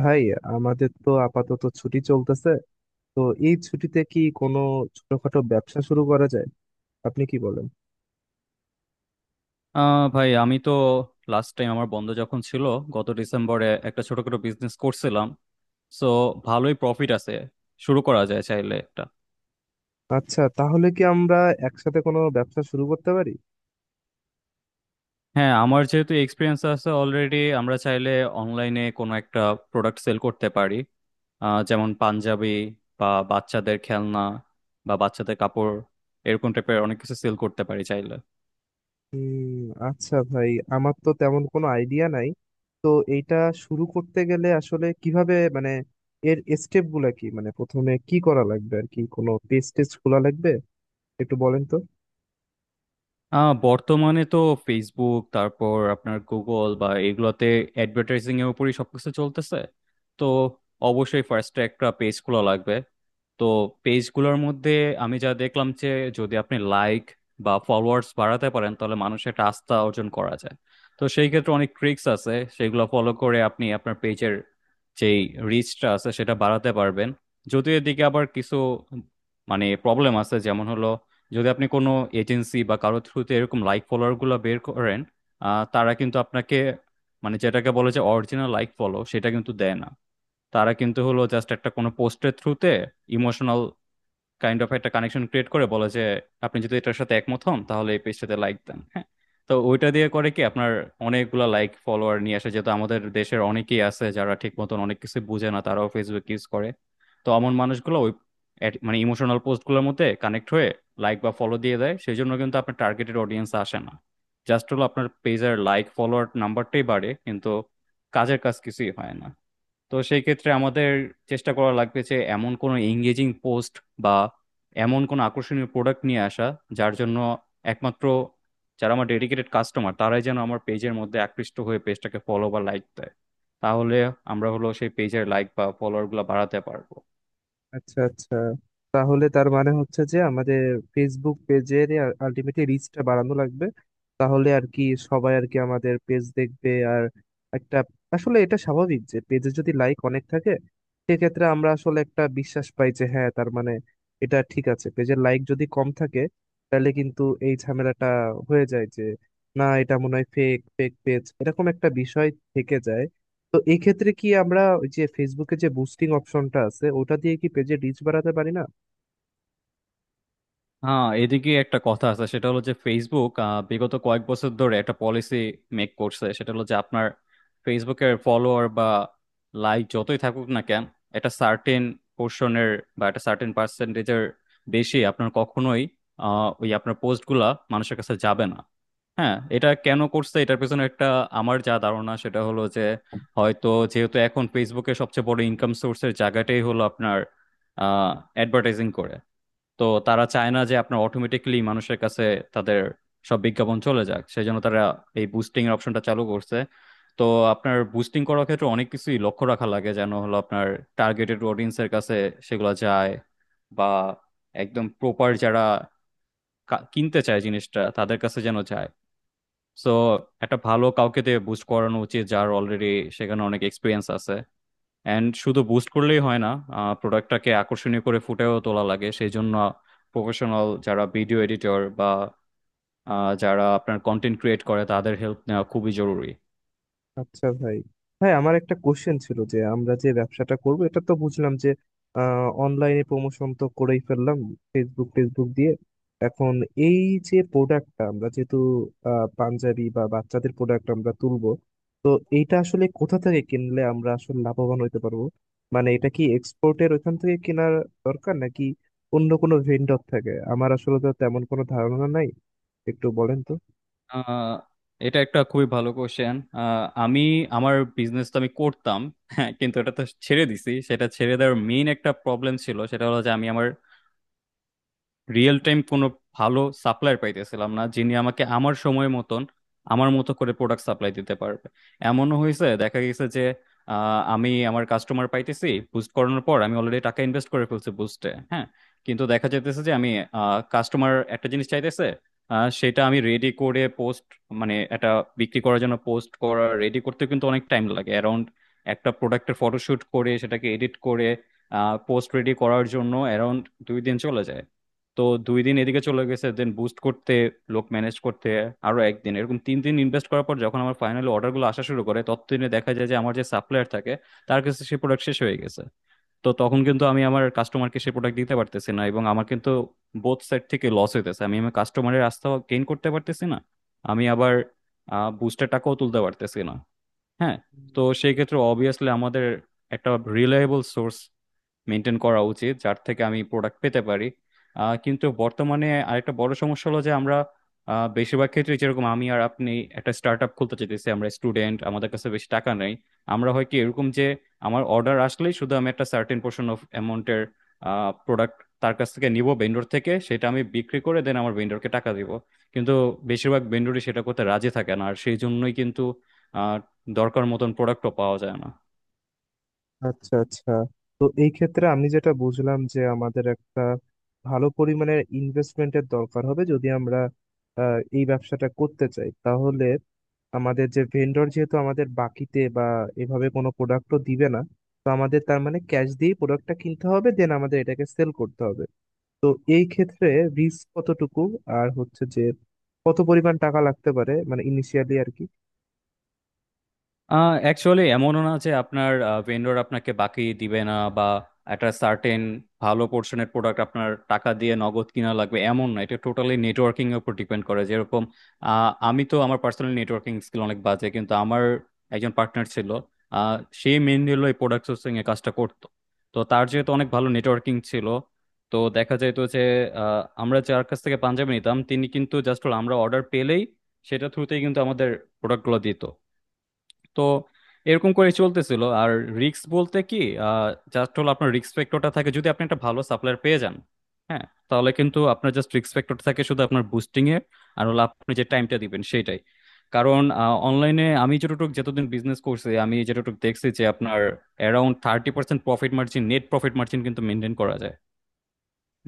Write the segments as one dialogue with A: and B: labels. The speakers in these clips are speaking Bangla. A: ভাই, আমাদের তো আপাতত ছুটি চলতেছে। তো এই ছুটিতে কি কোনো ছোটখাটো ব্যবসা শুরু করা যায়? আপনি কি বলেন?
B: ভাই, আমি তো লাস্ট টাইম আমার বন্ধ যখন ছিল, গত ডিসেম্বরে একটা ছোটখাটো বিজনেস করছিলাম। সো ভালোই প্রফিট আছে, শুরু করা যায় চাইলে একটা।
A: আচ্ছা, তাহলে কি আমরা একসাথে কোনো ব্যবসা শুরু করতে পারি?
B: হ্যাঁ, আমার যেহেতু এক্সপিরিয়েন্স আছে অলরেডি, আমরা চাইলে অনলাইনে কোনো একটা প্রোডাক্ট সেল করতে পারি। যেমন পাঞ্জাবি, বা বাচ্চাদের খেলনা, বা বাচ্চাদের কাপড়, এরকম টাইপের অনেক কিছু সেল করতে পারি চাইলে।
A: উম আচ্ছা ভাই, আমার তো তেমন কোনো আইডিয়া নাই। তো এইটা শুরু করতে গেলে আসলে কিভাবে, মানে এর স্টেপ গুলা কি, মানে প্রথমে কি করা লাগবে? আর কি কোনো পেজ টেস্ট খোলা লাগবে? একটু বলেন তো।
B: বর্তমানে তো ফেসবুক, তারপর আপনার গুগল বা এগুলোতে অ্যাডভার্টাইজিং এর উপরই সবকিছু চলতেছে। তো অবশ্যই ফার্স্ট একটা পেজ খোলা লাগবে। তো পেজগুলোর মধ্যে আমি যা দেখলাম যে, যদি আপনি লাইক বা ফলোয়ার্স বাড়াতে পারেন তাহলে মানুষের একটা আস্থা অর্জন করা যায়। তো সেই ক্ষেত্রে অনেক ট্রিক্স আছে, সেগুলো ফলো করে আপনি আপনার পেজের যেই রিচটা আছে সেটা বাড়াতে পারবেন। যদিও এদিকে আবার কিছু মানে প্রবলেম আছে, যেমন হলো যদি আপনি কোনো এজেন্সি বা কারো থ্রুতে এরকম লাইক ফলোয়ার গুলো বের করেন, তারা কিন্তু আপনাকে মানে যেটাকে বলে যে অরিজিনাল লাইক ফলো সেটা কিন্তু দেয় না। তারা কিন্তু হলো জাস্ট একটা কোনো পোস্টের থ্রুতে ইমোশনাল কাইন্ড অফ একটা কানেকশন ক্রিয়েট করে বলে যে, আপনি যদি এটার সাথে একমত হন তাহলে এই পেজটাতে লাইক দেন। হ্যাঁ, তো ওইটা দিয়ে করে কি আপনার অনেকগুলা লাইক ফলোয়ার নিয়ে আসে, যেহেতু আমাদের দেশের অনেকেই আছে যারা ঠিক মতন অনেক কিছু বুঝে না তারাও ফেসবুক ইউজ করে। তো এমন মানুষগুলো ওই মানে ইমোশনাল পোস্টগুলোর মধ্যে কানেক্ট হয়ে লাইক বা ফলো দিয়ে দেয়, সেই জন্য কিন্তু আপনার টার্গেটেড অডিয়েন্স আসে না। জাস্ট হলো আপনার পেজের লাইক ফলোয়ার নাম্বারটাই বাড়ে, কিন্তু কাজের কাজ কিছুই হয় না। তো সেই ক্ষেত্রে আমাদের চেষ্টা করা লাগবে যে এমন কোনো এঙ্গেজিং পোস্ট বা এমন কোনো আকর্ষণীয় প্রোডাক্ট নিয়ে আসা, যার জন্য একমাত্র যারা আমার ডেডিকেটেড কাস্টমার তারাই যেন আমার পেজের মধ্যে আকৃষ্ট হয়ে পেজটাকে ফলো বা লাইক দেয়। তাহলে আমরা হলো সেই পেজের লাইক বা ফলোয়ার গুলো বাড়াতে পারবো।
A: আচ্ছা আচ্ছা, তাহলে তার মানে হচ্ছে যে আমাদের ফেসবুক পেজের আলটিমেটলি রিচটা বাড়ানো লাগবে। তাহলে আর কি সবাই আর কি আমাদের পেজ দেখবে। আর একটা, আসলে এটা স্বাভাবিক যে পেজে যদি লাইক অনেক থাকে, সেক্ষেত্রে আমরা আসলে একটা বিশ্বাস পাই যে হ্যাঁ, তার মানে এটা ঠিক আছে। পেজের লাইক যদি কম থাকে, তাহলে কিন্তু এই ঝামেলাটা হয়ে যায় যে না, এটা মনে হয় ফেক ফেক পেজ, এরকম একটা বিষয় থেকে যায়। তো এই ক্ষেত্রে কি আমরা ওই যে ফেসবুকে যে বুস্টিং অপশনটা আছে ওটা দিয়ে কি পেজে রিচ বাড়াতে পারি না?
B: হ্যাঁ, এদিকে একটা কথা আছে সেটা হলো যে ফেসবুক বিগত কয়েক বছর ধরে একটা পলিসি মেক করছে, সেটা হলো যে আপনার ফেসবুকের ফলোয়ার বা লাইক যতই থাকুক না কেন, একটা সার্টেন পোর্শনের বা একটা সার্টেন পার্সেন্টেজের বেশি আপনার কখনোই ওই আপনার পোস্টগুলা মানুষের কাছে যাবে না। হ্যাঁ, এটা কেন করছে এটার পেছনে একটা, আমার যা ধারণা সেটা হলো যে হয়তো যেহেতু এখন ফেসবুকের সবচেয়ে বড় ইনকাম সোর্সের জায়গাটাই হলো আপনার অ্যাডভার্টাইজিং করে। তো তারা চায় না যে আপনার অটোমেটিকলি মানুষের কাছে তাদের সব বিজ্ঞাপন চলে যাক, সেই জন্য তারা এই বুস্টিং এর অপশনটা চালু করছে। তো আপনার বুস্টিং করার ক্ষেত্রে অনেক কিছুই লক্ষ্য রাখা লাগে যেন হলো আপনার টার্গেটেড অডিয়েন্স এর কাছে সেগুলো যায়, বা একদম প্রপার যারা কিনতে চায় জিনিসটা তাদের কাছে যেন যায়। সো একটা ভালো কাউকে দিয়ে বুস্ট করানো উচিত যার অলরেডি সেখানে অনেক এক্সপিরিয়েন্স আছে। অ্যান্ড শুধু বুস্ট করলেই হয় না, প্রোডাক্টটাকে আকর্ষণীয় করে ফুটেও তোলা লাগে, সেই জন্য প্রফেশনাল যারা ভিডিও এডিটর বা যারা আপনার কন্টেন্ট ক্রিয়েট করে তাদের হেল্প নেওয়া খুবই জরুরি।
A: আচ্ছা ভাই, ভাই আমার একটা কোশ্চেন ছিল যে আমরা যে ব্যবসাটা করব এটা তো বুঝলাম। যে অনলাইনে প্রমোশন তো করেই ফেললাম ফেসবুক ফেসবুক দিয়ে। এখন এই যে প্রোডাক্টটা আমরা, যেহেতু পাঞ্জাবি বা বাচ্চাদের প্রোডাক্ট আমরা তুলবো, তো এইটা আসলে কোথা থেকে কিনলে আমরা আসলে লাভবান হতে পারবো? মানে এটা কি এক্সপোর্টের ওইখান থেকে কেনার দরকার, নাকি অন্য কোনো ভেন্ডর থাকে? আমার আসলে তো তেমন কোনো ধারণা নাই, একটু বলেন তো।
B: আহ, এটা একটা খুবই ভালো কোশ্চেন। আমি আমার বিজনেস তো আমি করতাম হ্যাঁ, কিন্তু এটা তো ছেড়ে দিছি, সেটা ছেড়ে দেওয়ার মেইন একটা প্রবলেম ছিল সেটা হলো যে আমি আমার রিয়েল টাইম কোনো ভালো সাপ্লায়ার পাইতেছিলাম না যিনি আমাকে আমার সময় মতন আমার মতো করে প্রোডাক্ট সাপ্লাই দিতে পারবে। এমনও হয়েছে দেখা গেছে যে আমি আমার কাস্টমার পাইতেছি বুস্ট করানোর পর, আমি অলরেডি টাকা ইনভেস্ট করে ফেলছি বুস্টে। হ্যাঁ, কিন্তু দেখা যাইতেছে যে আমি কাস্টমার একটা জিনিস চাইতেছে, সেটা আমি রেডি করে পোস্ট মানে এটা বিক্রি করার জন্য পোস্ট করা রেডি করতে কিন্তু অনেক টাইম লাগে। অ্যারাউন্ড একটা প্রোডাক্টের ফটোশুট করে সেটাকে এডিট করে পোস্ট রেডি করার জন্য অ্যারাউন্ড 2 দিন চলে যায়। তো 2 দিন এদিকে চলে গেছে, দেন বুস্ট করতে লোক ম্যানেজ করতে আরো একদিন, এরকম 3 দিন ইনভেস্ট করার পর যখন আমার ফাইনালি অর্ডার গুলো আসা শুরু করে ততদিনে দেখা যায় যে আমার যে সাপ্লায়ার থাকে তার কাছে সে প্রোডাক্ট শেষ হয়ে গেছে। তো তখন কিন্তু আমি আমার কাস্টমারকে সে প্রোডাক্ট দিতে পারতেছি না, এবং আমার কিন্তু বোথ সাইড থেকে লস হইতেছে, আমি আমার কাস্টমারের আস্থা গেইন করতে পারতেছি না, আমি আবার বুস্টের টাকাও তুলতে পারতেছি না। হ্যাঁ, তো সেই ক্ষেত্রে অবভিয়াসলি আমাদের একটা রিলায়েবল সোর্স মেনটেন করা উচিত যার থেকে আমি প্রোডাক্ট পেতে পারি। কিন্তু বর্তমানে আরেকটা বড় সমস্যা হলো যে আমরা বেশিরভাগ ক্ষেত্রে যেরকম আমি আর আপনি একটা স্টার্ট আপ খুলতে চাইতেছি, আমরা স্টুডেন্ট, আমাদের কাছে বেশি টাকা নেই। আমরা হয় কি এরকম যে আমার অর্ডার আসলেই শুধু আমি একটা সার্টেন পোর্শন অফ অ্যামাউন্টের প্রোডাক্ট তার কাছ থেকে নিব ভেন্ডর থেকে, সেটা আমি বিক্রি করে দেন আমার ভেন্ডরকে টাকা দিব। কিন্তু বেশিরভাগ ভেন্ডরই সেটা করতে রাজি থাকে না, আর সেই জন্যই কিন্তু আহ, দরকার মতন প্রোডাক্টও পাওয়া যায় না।
A: আচ্ছা আচ্ছা, তো এই ক্ষেত্রে আমি যেটা বুঝলাম যে আমাদের একটা ভালো পরিমাণের ইনভেস্টমেন্টের দরকার হবে যদি আমরা এই ব্যবসাটা করতে চাই। তাহলে আমাদের যে ভেন্ডর, যেহেতু আমাদের বাকিতে বা এভাবে কোনো প্রোডাক্টও দিবে না, তো আমাদের তার মানে ক্যাশ দিয়ে প্রোডাক্টটা কিনতে হবে, দেন আমাদের এটাকে সেল করতে হবে। তো এই ক্ষেত্রে রিস্ক কতটুকু, আর হচ্ছে যে কত পরিমাণ টাকা লাগতে পারে, মানে ইনিশিয়ালি আর কি।
B: অ্যাকচুয়ালি এমনও না যে আপনার ভেন্ডর আপনাকে বাকি দিবে না, বা একটা সার্টেন ভালো পোর্শনের প্রোডাক্ট আপনার টাকা দিয়ে নগদ কিনা লাগবে, এমন না। এটা টোটালি নেটওয়ার্কিং এর উপর ডিপেন্ড করে, যেরকম আমি তো আমার পার্সোনাল নেটওয়ার্কিং স্কিল অনেক বাজে, কিন্তু আমার একজন পার্টনার ছিল, সে মেনলি হলো এই প্রোডাক্ট সোর্সিং এর কাজটা করতো। তো তার যেহেতু অনেক ভালো নেটওয়ার্কিং ছিল, তো দেখা যেত যে আমরা যার কাছ থেকে পাঞ্জাবি নিতাম তিনি কিন্তু জাস্ট আমরা অর্ডার পেলেই সেটা থ্রুতেই কিন্তু আমাদের প্রোডাক্টগুলো দিত। তো এরকম করে চলতেছিল। আর রিস্ক বলতে কি, জাস্ট হলো আপনার রিস্ক ফ্যাক্টরটা থাকে যদি আপনি একটা ভালো সাপ্লায়ার পেয়ে যান। হ্যাঁ, তাহলে কিন্তু আপনার জাস্ট রিস্ক ফ্যাক্টর থাকে শুধু আপনার বুস্টিং এর, আর হলো আপনি যে টাইমটা দিবেন সেটাই। কারণ অনলাইনে আমি যতটুকু যতদিন বিজনেস করছি আমি যতটুকু দেখছি যে আপনার around 30% profit margin, net profit margin কিন্তু মেনটেন করা যায়।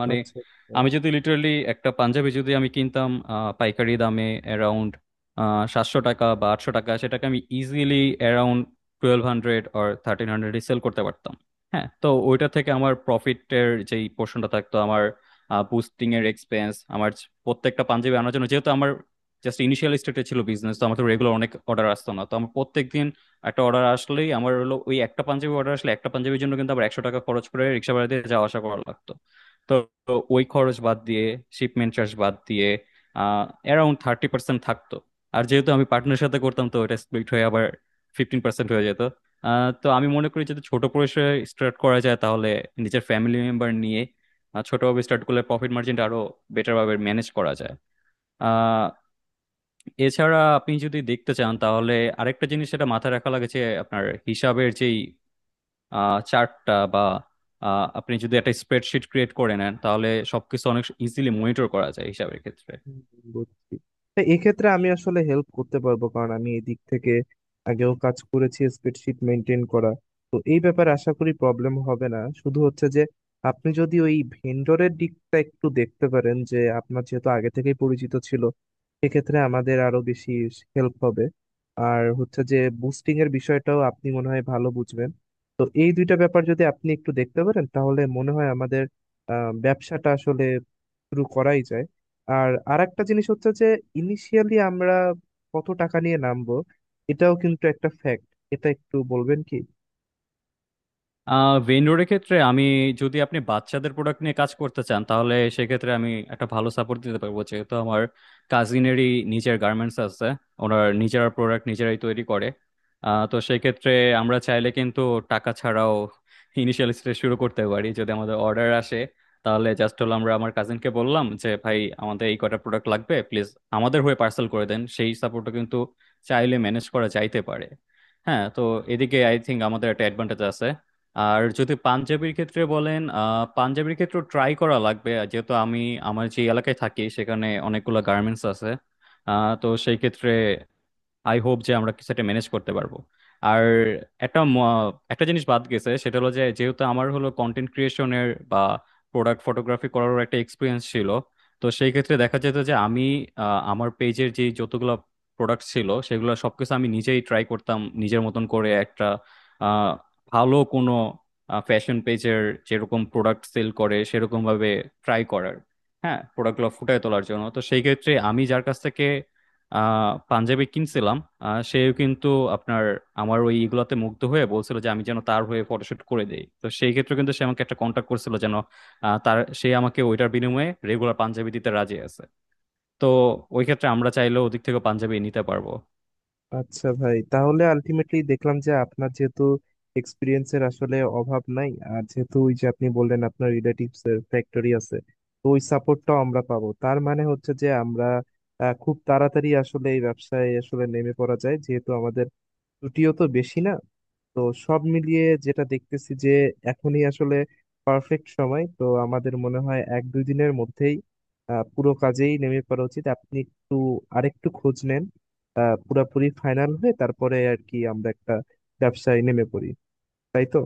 B: মানে
A: আচ্ছা আচ্ছা।
B: আমি যদি লিটারালি একটা পাঞ্জাবি যদি আমি কিনতাম পাইকারি দামে অ্যারাউন্ড 700 টাকা বা 800 টাকা, সেটাকে আমি ইজিলি অ্যারাউন্ড 1200 অর 1300-এ সেল করতে পারতাম। হ্যাঁ, তো ওইটা থেকে আমার প্রফিটের যেই পোর্শনটা থাকতো, আমার বুস্টিং এর এক্সপেন্স আমার প্রত্যেকটা পাঞ্জাবি আনার জন্য যেহেতু আমার জাস্ট ইনিশিয়াল স্টেটে ছিল বিজনেস তো আমার তো রেগুলার অনেক অর্ডার আসতো না, তো আমার প্রত্যেকদিন একটা অর্ডার আসলেই আমার হলো ওই একটা পাঞ্জাবি অর্ডার আসলে একটা পাঞ্জাবির জন্য কিন্তু আবার 100 টাকা খরচ করে রিক্সা ভাড়া দিয়ে যাওয়া আসা করা লাগতো। তো তো ওই খরচ বাদ দিয়ে শিপমেন্ট চার্জ বাদ দিয়ে অ্যারাউন্ড থার্টি পার্সেন্ট থাকতো। আর যেহেতু আমি পার্টনারের সাথে করতাম তো এটা স্প্লিট হয়ে আবার 15% হয়ে যেত। তো আমি মনে করি যদি ছোট পরিসরে স্টার্ট করা যায়, তাহলে নিজের ফ্যামিলি মেম্বার নিয়ে ছোটভাবে স্টার্ট করলে প্রফিট মার্জিনটা আরো বেটার ভাবে ম্যানেজ করা যায়। আহ এছাড়া আপনি যদি দেখতে চান তাহলে আরেকটা জিনিস সেটা মাথায় রাখা লাগে যে আপনার হিসাবের যেই চার্টটা বা আপনি যদি একটা স্প্রেডশিট ক্রিয়েট করে নেন তাহলে সবকিছু অনেক ইজিলি মনিটর করা যায় হিসাবের ক্ষেত্রে।
A: হুম, বুঝছি। তা এক্ষেত্রে আমি আসলে হেল্প করতে পারবো, কারণ আমি এই দিক থেকে আগেও কাজ করেছি, স্প্রেডশিট মেনটেন করা। তো এই ব্যাপারে আশা করি প্রবলেম হবে না। শুধু হচ্ছে যে আপনি যদি ওই ভেন্ডরের দিকটা একটু দেখতে পারেন, যে আপনার যেহেতু আগে থেকেই পরিচিত ছিল, সেক্ষেত্রে আমাদের আরো বেশি হেল্প হবে। আর হচ্ছে যে বুস্টিং এর বিষয়টাও আপনি মনে হয় ভালো বুঝবেন। তো এই দুইটা ব্যাপার যদি আপনি একটু দেখতে পারেন, তাহলে মনে হয় আমাদের ব্যবসাটা আসলে শুরু করাই যায়। আর আরেকটা জিনিস হচ্ছে যে ইনিশিয়ালি আমরা কত টাকা নিয়ে নামবো, এটাও কিন্তু একটা ফ্যাক্ট। এটা একটু বলবেন কি?
B: ভেন্ডরের ক্ষেত্রে আমি যদি আপনি বাচ্চাদের প্রোডাক্ট নিয়ে কাজ করতে চান তাহলে সেক্ষেত্রে আমি একটা ভালো সাপোর্ট দিতে পারবো, যেহেতু আমার কাজিনেরই নিজের গার্মেন্টস আছে। ওনার নিজেরা প্রোডাক্ট নিজেরাই তৈরি করে। তো সেক্ষেত্রে আমরা চাইলে কিন্তু টাকা ছাড়াও ইনিশিয়াল স্টেজ শুরু করতে পারি, যদি আমাদের অর্ডার আসে তাহলে জাস্ট হলো আমরা আমার কাজিনকে বললাম যে ভাই আমাদের এই কটা প্রোডাক্ট লাগবে প্লিজ, আমাদের হয়ে পার্সেল করে দেন, সেই সাপোর্টটা কিন্তু চাইলে ম্যানেজ করা যাইতে পারে। হ্যাঁ, তো এদিকে আই থিঙ্ক আমাদের একটা অ্যাডভান্টেজ আছে। আর যদি পাঞ্জাবির ক্ষেত্রে বলেন পাঞ্জাবির ক্ষেত্রে ট্রাই করা লাগবে। আর যেহেতু আমি আমার যে এলাকায় থাকি সেখানে অনেকগুলো গার্মেন্টস আছে, তো সেই ক্ষেত্রে আই হোপ যে আমরা কিছু একটা ম্যানেজ করতে পারবো। আর একটা একটা জিনিস বাদ গেছে সেটা হলো যে যেহেতু আমার হলো কন্টেন্ট ক্রিয়েশনের বা প্রোডাক্ট ফটোগ্রাফি করারও একটা এক্সপিরিয়েন্স ছিল, তো সেই ক্ষেত্রে দেখা যেত যে আমি আমার পেজের যে যতগুলো প্রোডাক্ট ছিল সেগুলো সবকিছু আমি নিজেই ট্রাই করতাম নিজের মতন করে একটা আহ, ভালো কোনো ফ্যাশন পেজের যেরকম প্রোডাক্ট সেল করে সেরকম ভাবে ট্রাই করার। হ্যাঁ, প্রোডাক্টগুলো ফুটিয়ে তোলার জন্য, তো সেই ক্ষেত্রে আমি যার কাছ থেকে পাঞ্জাবি কিনছিলাম সেও কিন্তু আপনার আমার ওই ইগুলাতে মুগ্ধ হয়ে বলছিল যে আমি যেন তার হয়ে ফটোশুট করে দেই, তো সেই ক্ষেত্রে কিন্তু সে আমাকে একটা কন্ট্যাক্ট করছিল যেন তার সে আমাকে ওইটার বিনিময়ে রেগুলার পাঞ্জাবি দিতে রাজি আছে। তো ওই ক্ষেত্রে আমরা চাইলেও ওদিক থেকে পাঞ্জাবি নিতে পারবো।
A: আচ্ছা ভাই, তাহলে আলটিমেটলি দেখলাম যে আপনার যেহেতু এক্সপিরিয়েন্সের আসলে অভাব নাই, আর যেহেতু ওই যে আপনি বললেন আপনার রিলেটিভস এর ফ্যাক্টরি আছে, তো ওই সাপোর্টটাও আমরা পাবো। তার মানে হচ্ছে যে আমরা খুব তাড়াতাড়ি আসলে এই ব্যবসায় আসলে নেমে পড়া যায়, যেহেতু আমাদের ছুটিও তো বেশি না। তো সব মিলিয়ে যেটা দেখতেছি যে এখনই আসলে পারফেক্ট সময়। তো আমাদের মনে হয় এক দুই দিনের মধ্যেই পুরো কাজেই নেমে পড়া উচিত। আপনি একটু আরেকটু খোঁজ নেন, পুরাপুরি ফাইনাল হয়ে, তারপরে আর কি আমরা একটা ব্যবসায় নেমে পড়ি। তাই তো?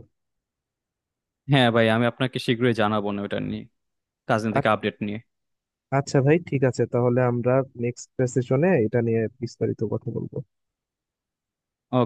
B: হ্যাঁ ভাই, আমি আপনাকে শীঘ্রই জানাবো না ওটা নিয়ে, কাজিন
A: আ-
B: থেকে আপডেট নিয়ে।
A: আচ্ছা ভাই, ঠিক আছে, তাহলে আমরা নেক্সট সেশনে এটা নিয়ে বিস্তারিত কথা বলবো।
B: ওকে।